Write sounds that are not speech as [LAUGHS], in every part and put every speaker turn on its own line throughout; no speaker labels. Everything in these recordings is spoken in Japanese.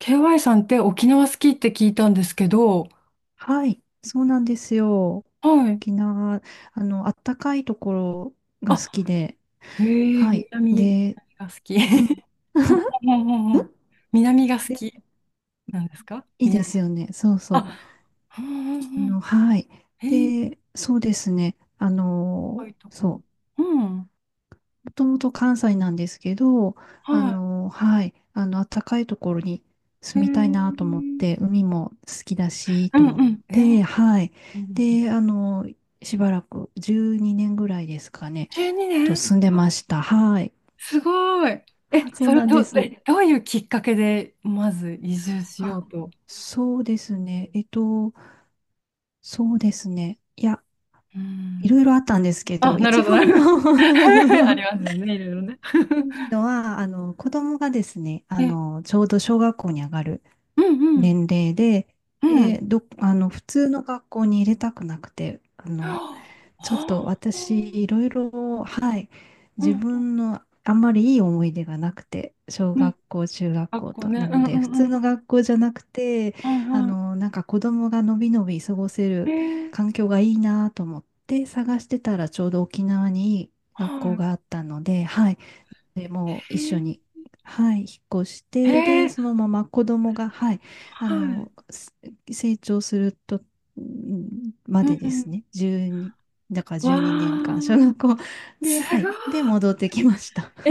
KY さんって沖縄好きって聞いたんですけど、
はい、そうなんですよ。
はい。
沖縄、あったかいところが好
あ、
きで、
へえ、
は
南、
い。
南
で、
が好き。
うん。
[LAUGHS]
[LAUGHS]
うんうんうんうん。南が好
で、
きなんですか
いいで
南。
すよね。そうそう。
あ、うんうんうん。
はい。
へえ、
で、そうですね。
深いとこ
そ
ろ。
う。
うん。
もともと関西なんですけど、
は
はい。暖かいところに
い。へ
住
え。
みたいなと
う
思って、海も好きだし、と
ん
思っ
うん。え、いい
て、はい。
ですね。
で、しばらく12年ぐらいですかね。
12
と
年
住んでました。はい。
すごい。え、
あ、そう
それ
なん
ど、
です。
えどういうきっかけで、まず移住しよ
あ、
うと。
そうですね。そうですね。いや、
う
い
ん。
ろいろあったんですけ
あ、
ど、一
なる
番の
ほど。[LAUGHS] あり
[LAUGHS]
ますよね、いろいろね。
いい
[LAUGHS]
のは、子供がですね、ちょうど小学校に上がる
うんうん
年齢で、
うん。
で、ど、あの、普通の学校に入れたくなくて、
はあ。
ちょっと私、いろいろ、はい、
う
自
ん
分のあんまりいい思い出がなくて、小
うん
学校、中学
学
校
校
と、
ね。
な
う
の
んう
で、
ん
普
う
通
ん。は
の学校じゃなくて、
いは
なんか子供がのびのび過ごせ
い。え
る
ー、
環境がいいなと思って探してたら、ちょうど沖縄にいい
は
学校があったので、はい、でもう
い。
一緒に、
え
はい、引っ越し
ー、
て、
え
で、そ
ー
のまま子供が、はい、あ
はい。
の、す成長すると、ん
う
ま
んう
で
ん。
ですね、12、だから
わ
12年間、小
ー。
学校
す
で、は
ご
い、
い。
で、戻ってきました。[LAUGHS]
え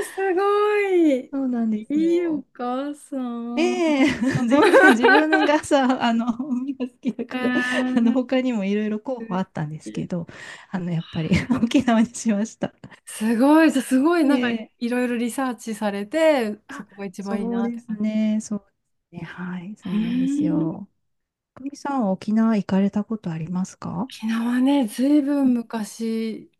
ー、すごい。
そうなんです
いい
よ。
お母さ
ええ
ん。
[LAUGHS] 全然自分がさ、海が好きだ
え
から、
ー、
他にもいろいろ候補あったんですけど、やっぱり [LAUGHS] 沖縄にしました。
すごい。じゃあすごい、なんか
ええ
いろいろリサーチされて、そ
あ、
こが一番いい
そう
なっ
で
て
す
感
ね。そうですね。はい。そ
じ。
う
う
なんです
ーん
よ。久美さんは沖縄行かれたことありますか？
沖縄ね、ずいぶん昔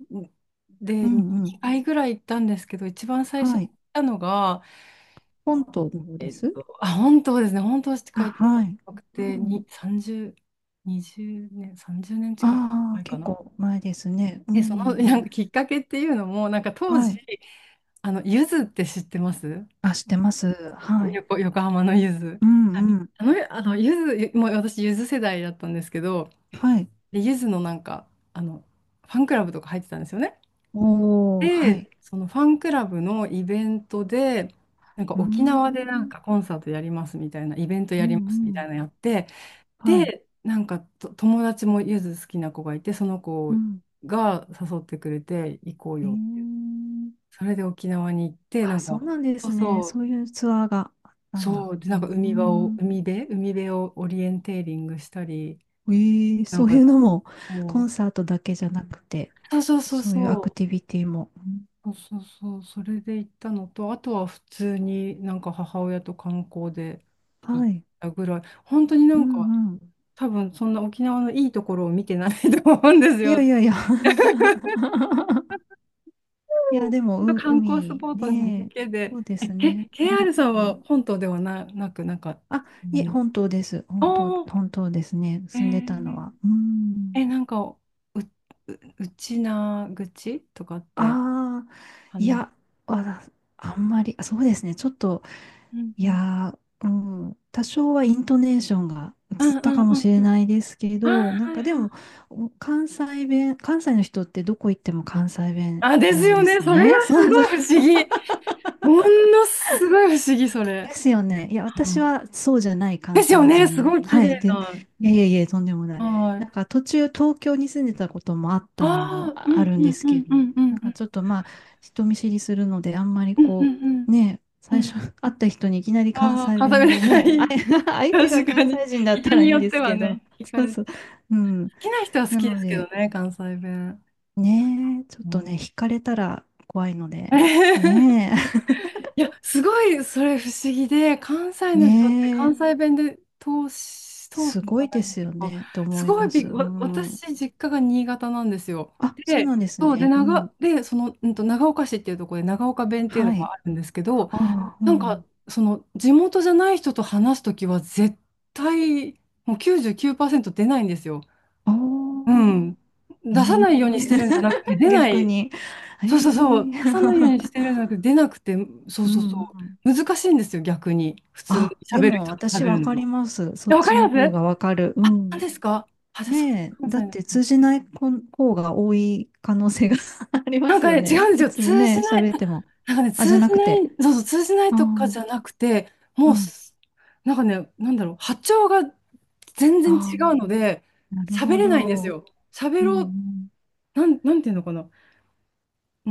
う
で
んうん。
2回ぐらい行ったんですけど、一番最初に
は
行
い。
ったのが、
本島の方です。
あ、本当ですね、本当し
あ、
か行ったこ
はい。
となく
う
て、
ん。
に30、20年、30年近く
ああ、
前か
結
な。
構前ですね。う
で、その
ん。
なんかきっかけっていうのも、なんか当
は
時、
い。
ゆずって知ってます？
あ、知ってます。はい。
横浜のゆず。
うん
はい
うん。
ゆず、もう私、ゆず世代だったんですけど、
はい。
でゆずのなんか、あの、ファンクラブとか入ってたんですよね。
おー、はい。
で、そのファンクラブのイベントで、なんか
うー
沖縄でなん
ん。
かコンサートやりますみたいな、イベント
う
やり
ん
ますみ
う
たい
ん。
なのやって、
はい。
で、なんかと友達もゆず好きな子がいて、その
う
子
ん。
が誘ってくれて行こう
へえ
よ。
ー。
それで沖縄に行って、な
あ、
ん
そ
か、
うなんで
そう
すね。
そ
そう
う、
いうツアーがあったんだ。
そう、で、
うー
なんか海場を、
ん。
海辺、海辺をオリエンテーリングしたり、
ええ
な
そ
ん
う
か
いうのも、コ
も
ンサートだけじゃなくて、
う、そうそうそう
そういうア
そ
クティ
う。
ビティも。うん
そうそうそう、それで行ったのと、あとは普通になんか母親と観光で行
は
っ
い。
たぐらい、本当にな
う
んか
んうん。
多分そんな沖縄のいいところを見てない [LAUGHS] と思うんです
いや
よ。
いやいや。
[LAUGHS]
[LAUGHS] いや、でも、
本当観光ス
海
ポットだ
ね、
けで。
そうで
え、
す
え
ね。う
KR さん
んう
は
ん
本島ではな、なく、なんか、
あ、
ほんま
いえ、
に。
本当です。本当、
おー、
本当ですね。
え
住んでたの
ー、
は。うん。
え、なんか、う、う、うちな愚痴とかって、
ああ、
あ
い
の、
や、わ、あんまり、あそうですね。ちょっと、
うん
い
うん。
やー、うん、多少はイントネーションが映っ
うんう
た
ん
かも
う
し
んう
れ
ん。
ないですけ
あー、
ど、なん
はいは
かでも、
い
お関西弁、関西の人ってどこ行っても関西弁
あ、です
なん
よ
で
ね。
す
それ
ね。
が
そ
す
うそ
ご
う。
い不思議。ものすごい不思議、それ。
ですよね。いや、
う
私
ん
はそうじゃない
で
関
すよ
西
ね。す
人。
ごい綺
はい。
麗
で、
な。
いやいやいや、とんでもない。
は
な
い。
んか途中東京に住んでたこともあっ
あ
たのも
あ、う
あ
ん
るん
う
で
ん
す
う
け
ん
ど、
うんうん
なん
う
か
ん
ちょっとまあ、人見知りするので、あんまり
うんう
こ
ん
う、ね、
う
最初
ん。
[LAUGHS] 会った人にいきなり関
ああ、
西
片
弁
目
で
が
ね、
い
あい
い。
[LAUGHS] 相手が
確か
関
に。
西人だった
人
らい
に
いん
よっ
で
て
す
は
けど、
ね、惹か
そう
れて。
そう。うん。
好きな人は好
な
きで
の
すけど
で、
ね、関西弁。
ね、ちょっ
もう
とね、
ね
惹かれたら怖いので、
[LAUGHS]
ね
いや、すごいそれ不思議で、関西
え、[LAUGHS]
の人って
ね
関
え。
西弁で通し、通す
す
じ
ご
ゃ
い
な
で
いで
す
す
よ
か。
ねって
す
思い
ごい
ます。
びっ、
う
わ
ん。
私、実家が新潟なんですよ。
あ、そう
で、
なんです
そう、で、
ね。う
長、
ん。
で、その、うんと、長岡市っていうところで長岡弁っていうの
は
が
い。
あるんですけど、
ああ、う
なんか、
ん。
その、地元じゃない人と話すときは絶対、もう99%出ないんですよ。
あ
う
あ、
ん。
え
出さないようにしてるんじゃなくて、
え [LAUGHS]
出な
逆
い
に。え
そうそうそ
え
う、出
[LAUGHS]
さないようにしてるんじゃなくて、出なくて、そう
う
そう
ん
そ
うん。
う、難しいんですよ、逆に。普通に
あ、で
喋る
も
人と喋
私わ
る
か
の
り
は。
ます。そ
え、
っ
わか
ち
り
の
ま
方
す？
がわかる。う
あ、何
ん。
ですか？あ、じゃあ、そう、
ねえ、
関
だっ
西の
て通
人。
じない子方が多い可能性が [LAUGHS] ありま
なん
す
か
よ
ね、違
ね。
うんです
普
よ、
通に
通
ね、
じない、
喋っても。
なんかね、
あ、じゃ
通
な
じ
く
ない、
て。
そうそう、通じない
あ
とかじ
あ、
ゃなくて、
う
もう
ん。
す、なんかね、なんだろう、波長が全然
あ
違うの
あ、
で、
なる
喋
ほ
れないんです
ど。うん
よ。喋
う
ろう、
ん
なんていうのかな。うー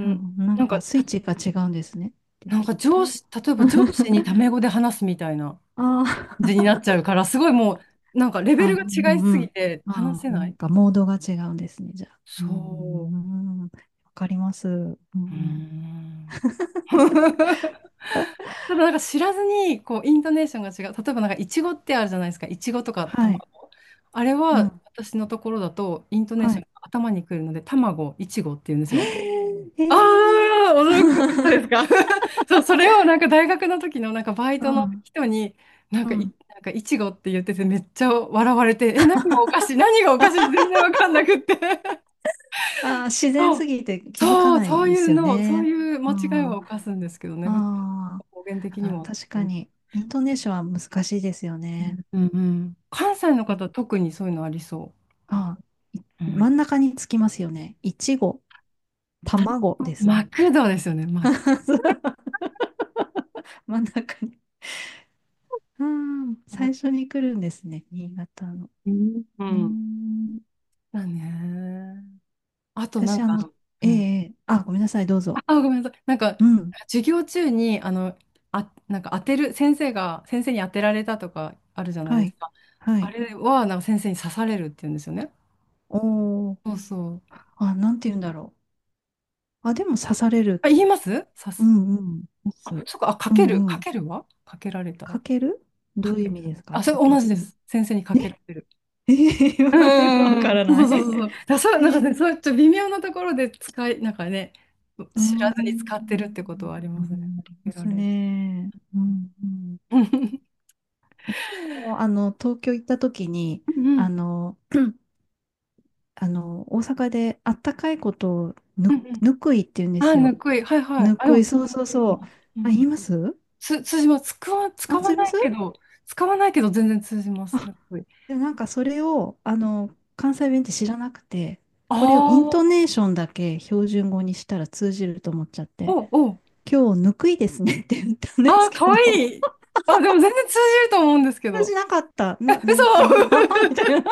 あ、な
な
ん
んか、
かス
た
イッチが違うんですね。で、
なん
き
か
っ
上
と。
司、例えば上司にタ
[LAUGHS]
メ語で話すみたいな。
あ
じにな
ー
っちゃうから、すごいもう、なんかレベ
あ、
ルが
う
違い
ん
す
う
ぎ
ん。
て話
あ
せ
あな
な
ん
い。
かモードが違うんですね、じゃあ。うー
そ
ん、わかります。うんう
う。うー
ん、
ん。[LAUGHS] ただなんか知らずに、こう、イントネーションが違う。例えばなんか、イチゴってあるじゃないですか。イチゴとか
は
卵。
い。
あれ
う
は、
ん。
私のところだと、イントネーシ
は
ョン
い。
が頭にくるので、卵、イチゴって言うんです
へ
よ。
え。へ
あ
ー
あ、驚くとこですか。
[LAUGHS]
[LAUGHS] そう、それをなんか大学の時のなんかバイ
う
トの
ん。
人に、
うん。
なんかいちごって言っててめっちゃ笑われて、え、何がおかしい、全然わかんなくって。
あー、自然
そう、
すぎて気づか
そう
ない
そう
で
いう
すよ
の、そう
ね。
いう
う
間違い
ん。
は
あ
犯すんですけどね、普通
あ、
の方言的に
あー
は。
確
う
か
ん
に、イントネーションは難しいですよね。
うんうん。関西の方、特にそういうのありそ
あ、い
う。う
真
ん。
ん中につきますよね。いちご、卵です
マ
ね。
クドですよね、マク。
[LAUGHS] 真ん中に。うん、
マ
最
ク
初に来るんですね。新潟の。
う
ね
ん。
ー、
だね。あとなん
私、
か、う
え
ん
えええあ、ごめんなさい、どうぞ。
あ、ごめんなさい。なんか、
うん。
授業中に、なんか当てる、先生に当てられたとかあるじゃない
は
です
い。
か。
は
あ
い。
れは、なんか先生に刺されるって言うんですよね。
おー。
そうそう。
あ、なんて言うんだろう。あ、でも刺され
あ、
る。
言います刺
う
す。
んうん。刺
あ、
す。
そっか、あ、か
う
ける、
んう
か
ん。
けるはかけられた。
かけるど
か
ういう意
け、
味ですか
あ、それ
かけ
同じ
る。
です。先生にかけら
え
れる。
え
う
ー、[LAUGHS] わ
んうんうん
か
う
ら
ん。
な
そう
い。
そうそうそう。
[LAUGHS] え
なんか
ー
ね、そういうちょっと微妙なところで使い、なんかね、
うー
知らずに使って
ん、
るってことはあり
う
ますね。
んあ
か
り
け
ま
ら
す
れる。
ね。うん、うん。
うん
もう、東京行った時に、
う
あ
ん
の、大阪であったかいことを
うんうん
ぬくいって言うんで
あ、
す
ぬ
よ。
くい。はいはい。
ぬ
あ、で
く
も、
い、
つ
そうそうそう。
う
あ、言
ん。
います
通じます。使
あ、
わ
すいま
ない
せ
け
ん
ど、使わないけど全然通じます。
あ、
ぬくい。
でもなんかそれを、関西弁って知らなくて、
あ
これをイント
あ、
ネーションだけ標準語にしたら通じると思っちゃって、
おお。
今日ぬくいですねって言ったんで
ああ、
すけ
かわ
ど、
いい。あ、でも全然通じると思うんですけ
私
ど。
じなかった。
え、
[LAUGHS] う
嘘
ん、[LAUGHS] ああ、みたい
[LAUGHS]
な。[LAUGHS] あ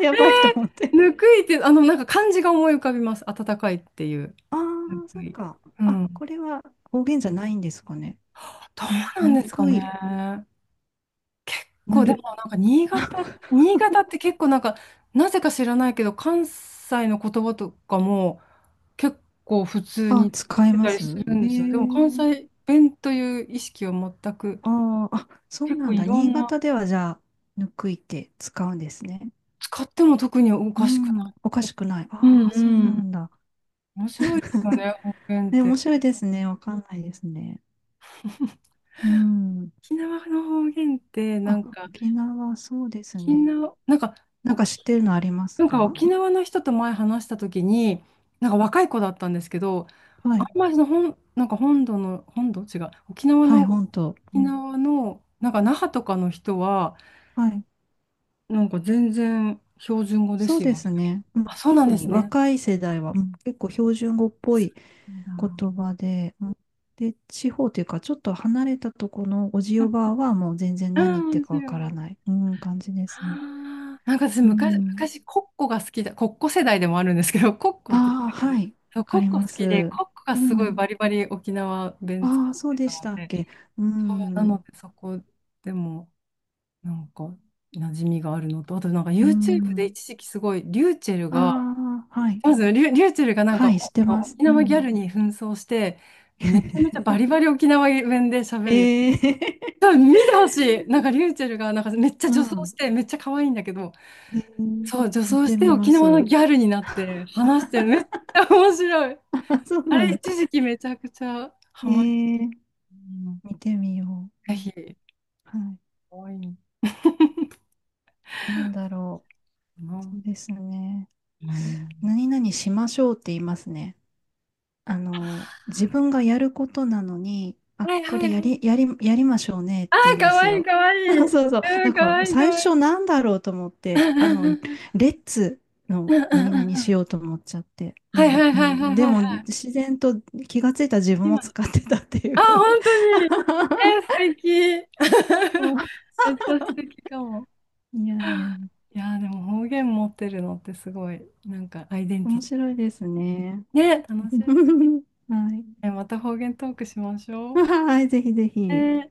ーや
え
ばいと思っ
ー、
て。
ぬくいって、なんか漢字が思い浮かびます。暖かいっていう。
あ
ぬ
あ、そ
く
っ
い。
か。
う
あ、
ん。
これは方言じゃないんですかね。
どうなん
ぬ
ですか
くい、
ね。こ
ぬ
う、で
る。
もなんか新潟って結構なんか、なぜか知らないけど、関西の言葉とかも、結構普通
あ、
に使
使
っ
え
て
ま
たり
す
するん
え
ですよ。でも関
ー、
西弁という意識は全く、
ああ、あ、そう
結構
なん
い
だ。
ろ
新
んな、
潟ではじゃあ、ぬくいって使うんですね。
使っても特にお
う
かしくな
ん、
い。
おかしくない。
う
あ
ん
あ、そう
う
な
ん。
んだ。
面白いですよね、
[LAUGHS]
方言っ
ね、
て。
面白いですね。わかんないですね。うん。
沖縄の方言って、な
あ、
んか、
沖縄、そうですね。
なんか、
なん
お
か知ってるのあります
なんか
か
沖縄の人と前話した時に、なんか若い子だったんですけど、
は
あ
い。
んまりその本、なんか本土の、本土違う、沖縄
は
の、
い、本当。
沖
うん。
縄の、なんか那覇とかの人は、
はい。
なんか全然標準語で
そう
す
で
よ、み
す
たいな。
ね。う
あ、
ん、
そうなん
特
です
に
ね。
若い世代は、うん結構標準語っぽ
そ
い
うなんだ。
言葉で、うんで、地方というか、ちょっと離れたところのおじおばあはもう全然
う
何言っ
ん
て
面
るかわ
白
から
い。
ない、うん、感じですね。
あーなんか
うん。
昔、コッコが好きだ、コッコ世代でもあるんですけど、[LAUGHS] コッコって知って
ああ、
ま
は
す？
い。
そう、
わ
コ
か
ッコ
り
好
ま
きで、
す。
コッコが
う
すごい
ん。
バリバリ沖縄弁使
あ
っ
あ、そう
て
で
た
し
の
たっ
で、
け。う
なの
ん。
でそこでもなんか馴染みがあるのと、あとなんか
う
YouTube で
ん。
一時期すごい、リューチェル
あ
が
あ、はい。
まず、リュ、リューチェルがなん
は
か
い、して
お
ます。
沖
う
縄ギャ
ん。
ルに扮装して、めちゃめちゃバリバリ沖縄弁で喋る。
ええ
多分見てほしい。なんかリューチェルがなんかめっち
[LAUGHS]
ゃ
う
女装
ん。
して、めっちゃ可愛いんだけど、
ええ
そう、女
見
装
て
して
みま
沖縄の
す。
ギャルになって話してる。めっちゃ面白い。
[LAUGHS] あ、そう
あ
な
れ、
んだ。
一時
[LAUGHS]
期めちゃくちゃ
え
ハマる。
ー、
うん
見てみよう。
ぜ
うん
ひ、
は
可愛いのか
い。なんだろう。
な。
そうですね。
うん。
何々しましょうって言いますね。自分がやることなのに、あ、
はい
こ
は
れ
いはい。
やりましょうねっ
ああ、
て言うんで
可
す
愛い
よ。
可愛
[LAUGHS]
い。
そう
う
そう。
ん、
だか
可
ら
愛い可
最
愛い。
初なんだろうと思って、
[LAUGHS]
レッツ
う
の
んうん
何
うんうんう
々
んうんう
し
ん
ようと思っちゃって。
は
で
い
も、
はい
う
はいは
ん、
い
で
はいは
も
い。
自然と気がついた自分を
今
使ってたってい
あ、
う。[LAUGHS]
本当に。え、素敵。[LAUGHS] めっちゃ素敵かも。
いやいやいや。
いやー、でも方言持ってるのってすごい、なんかアイデンテ
面
ィティ。
白いですね。
ね、楽しいです
[LAUGHS] はい。
ね。また方言トークしまし
[LAUGHS]
ょ
はい、ぜひぜ
う。
ひ。
ね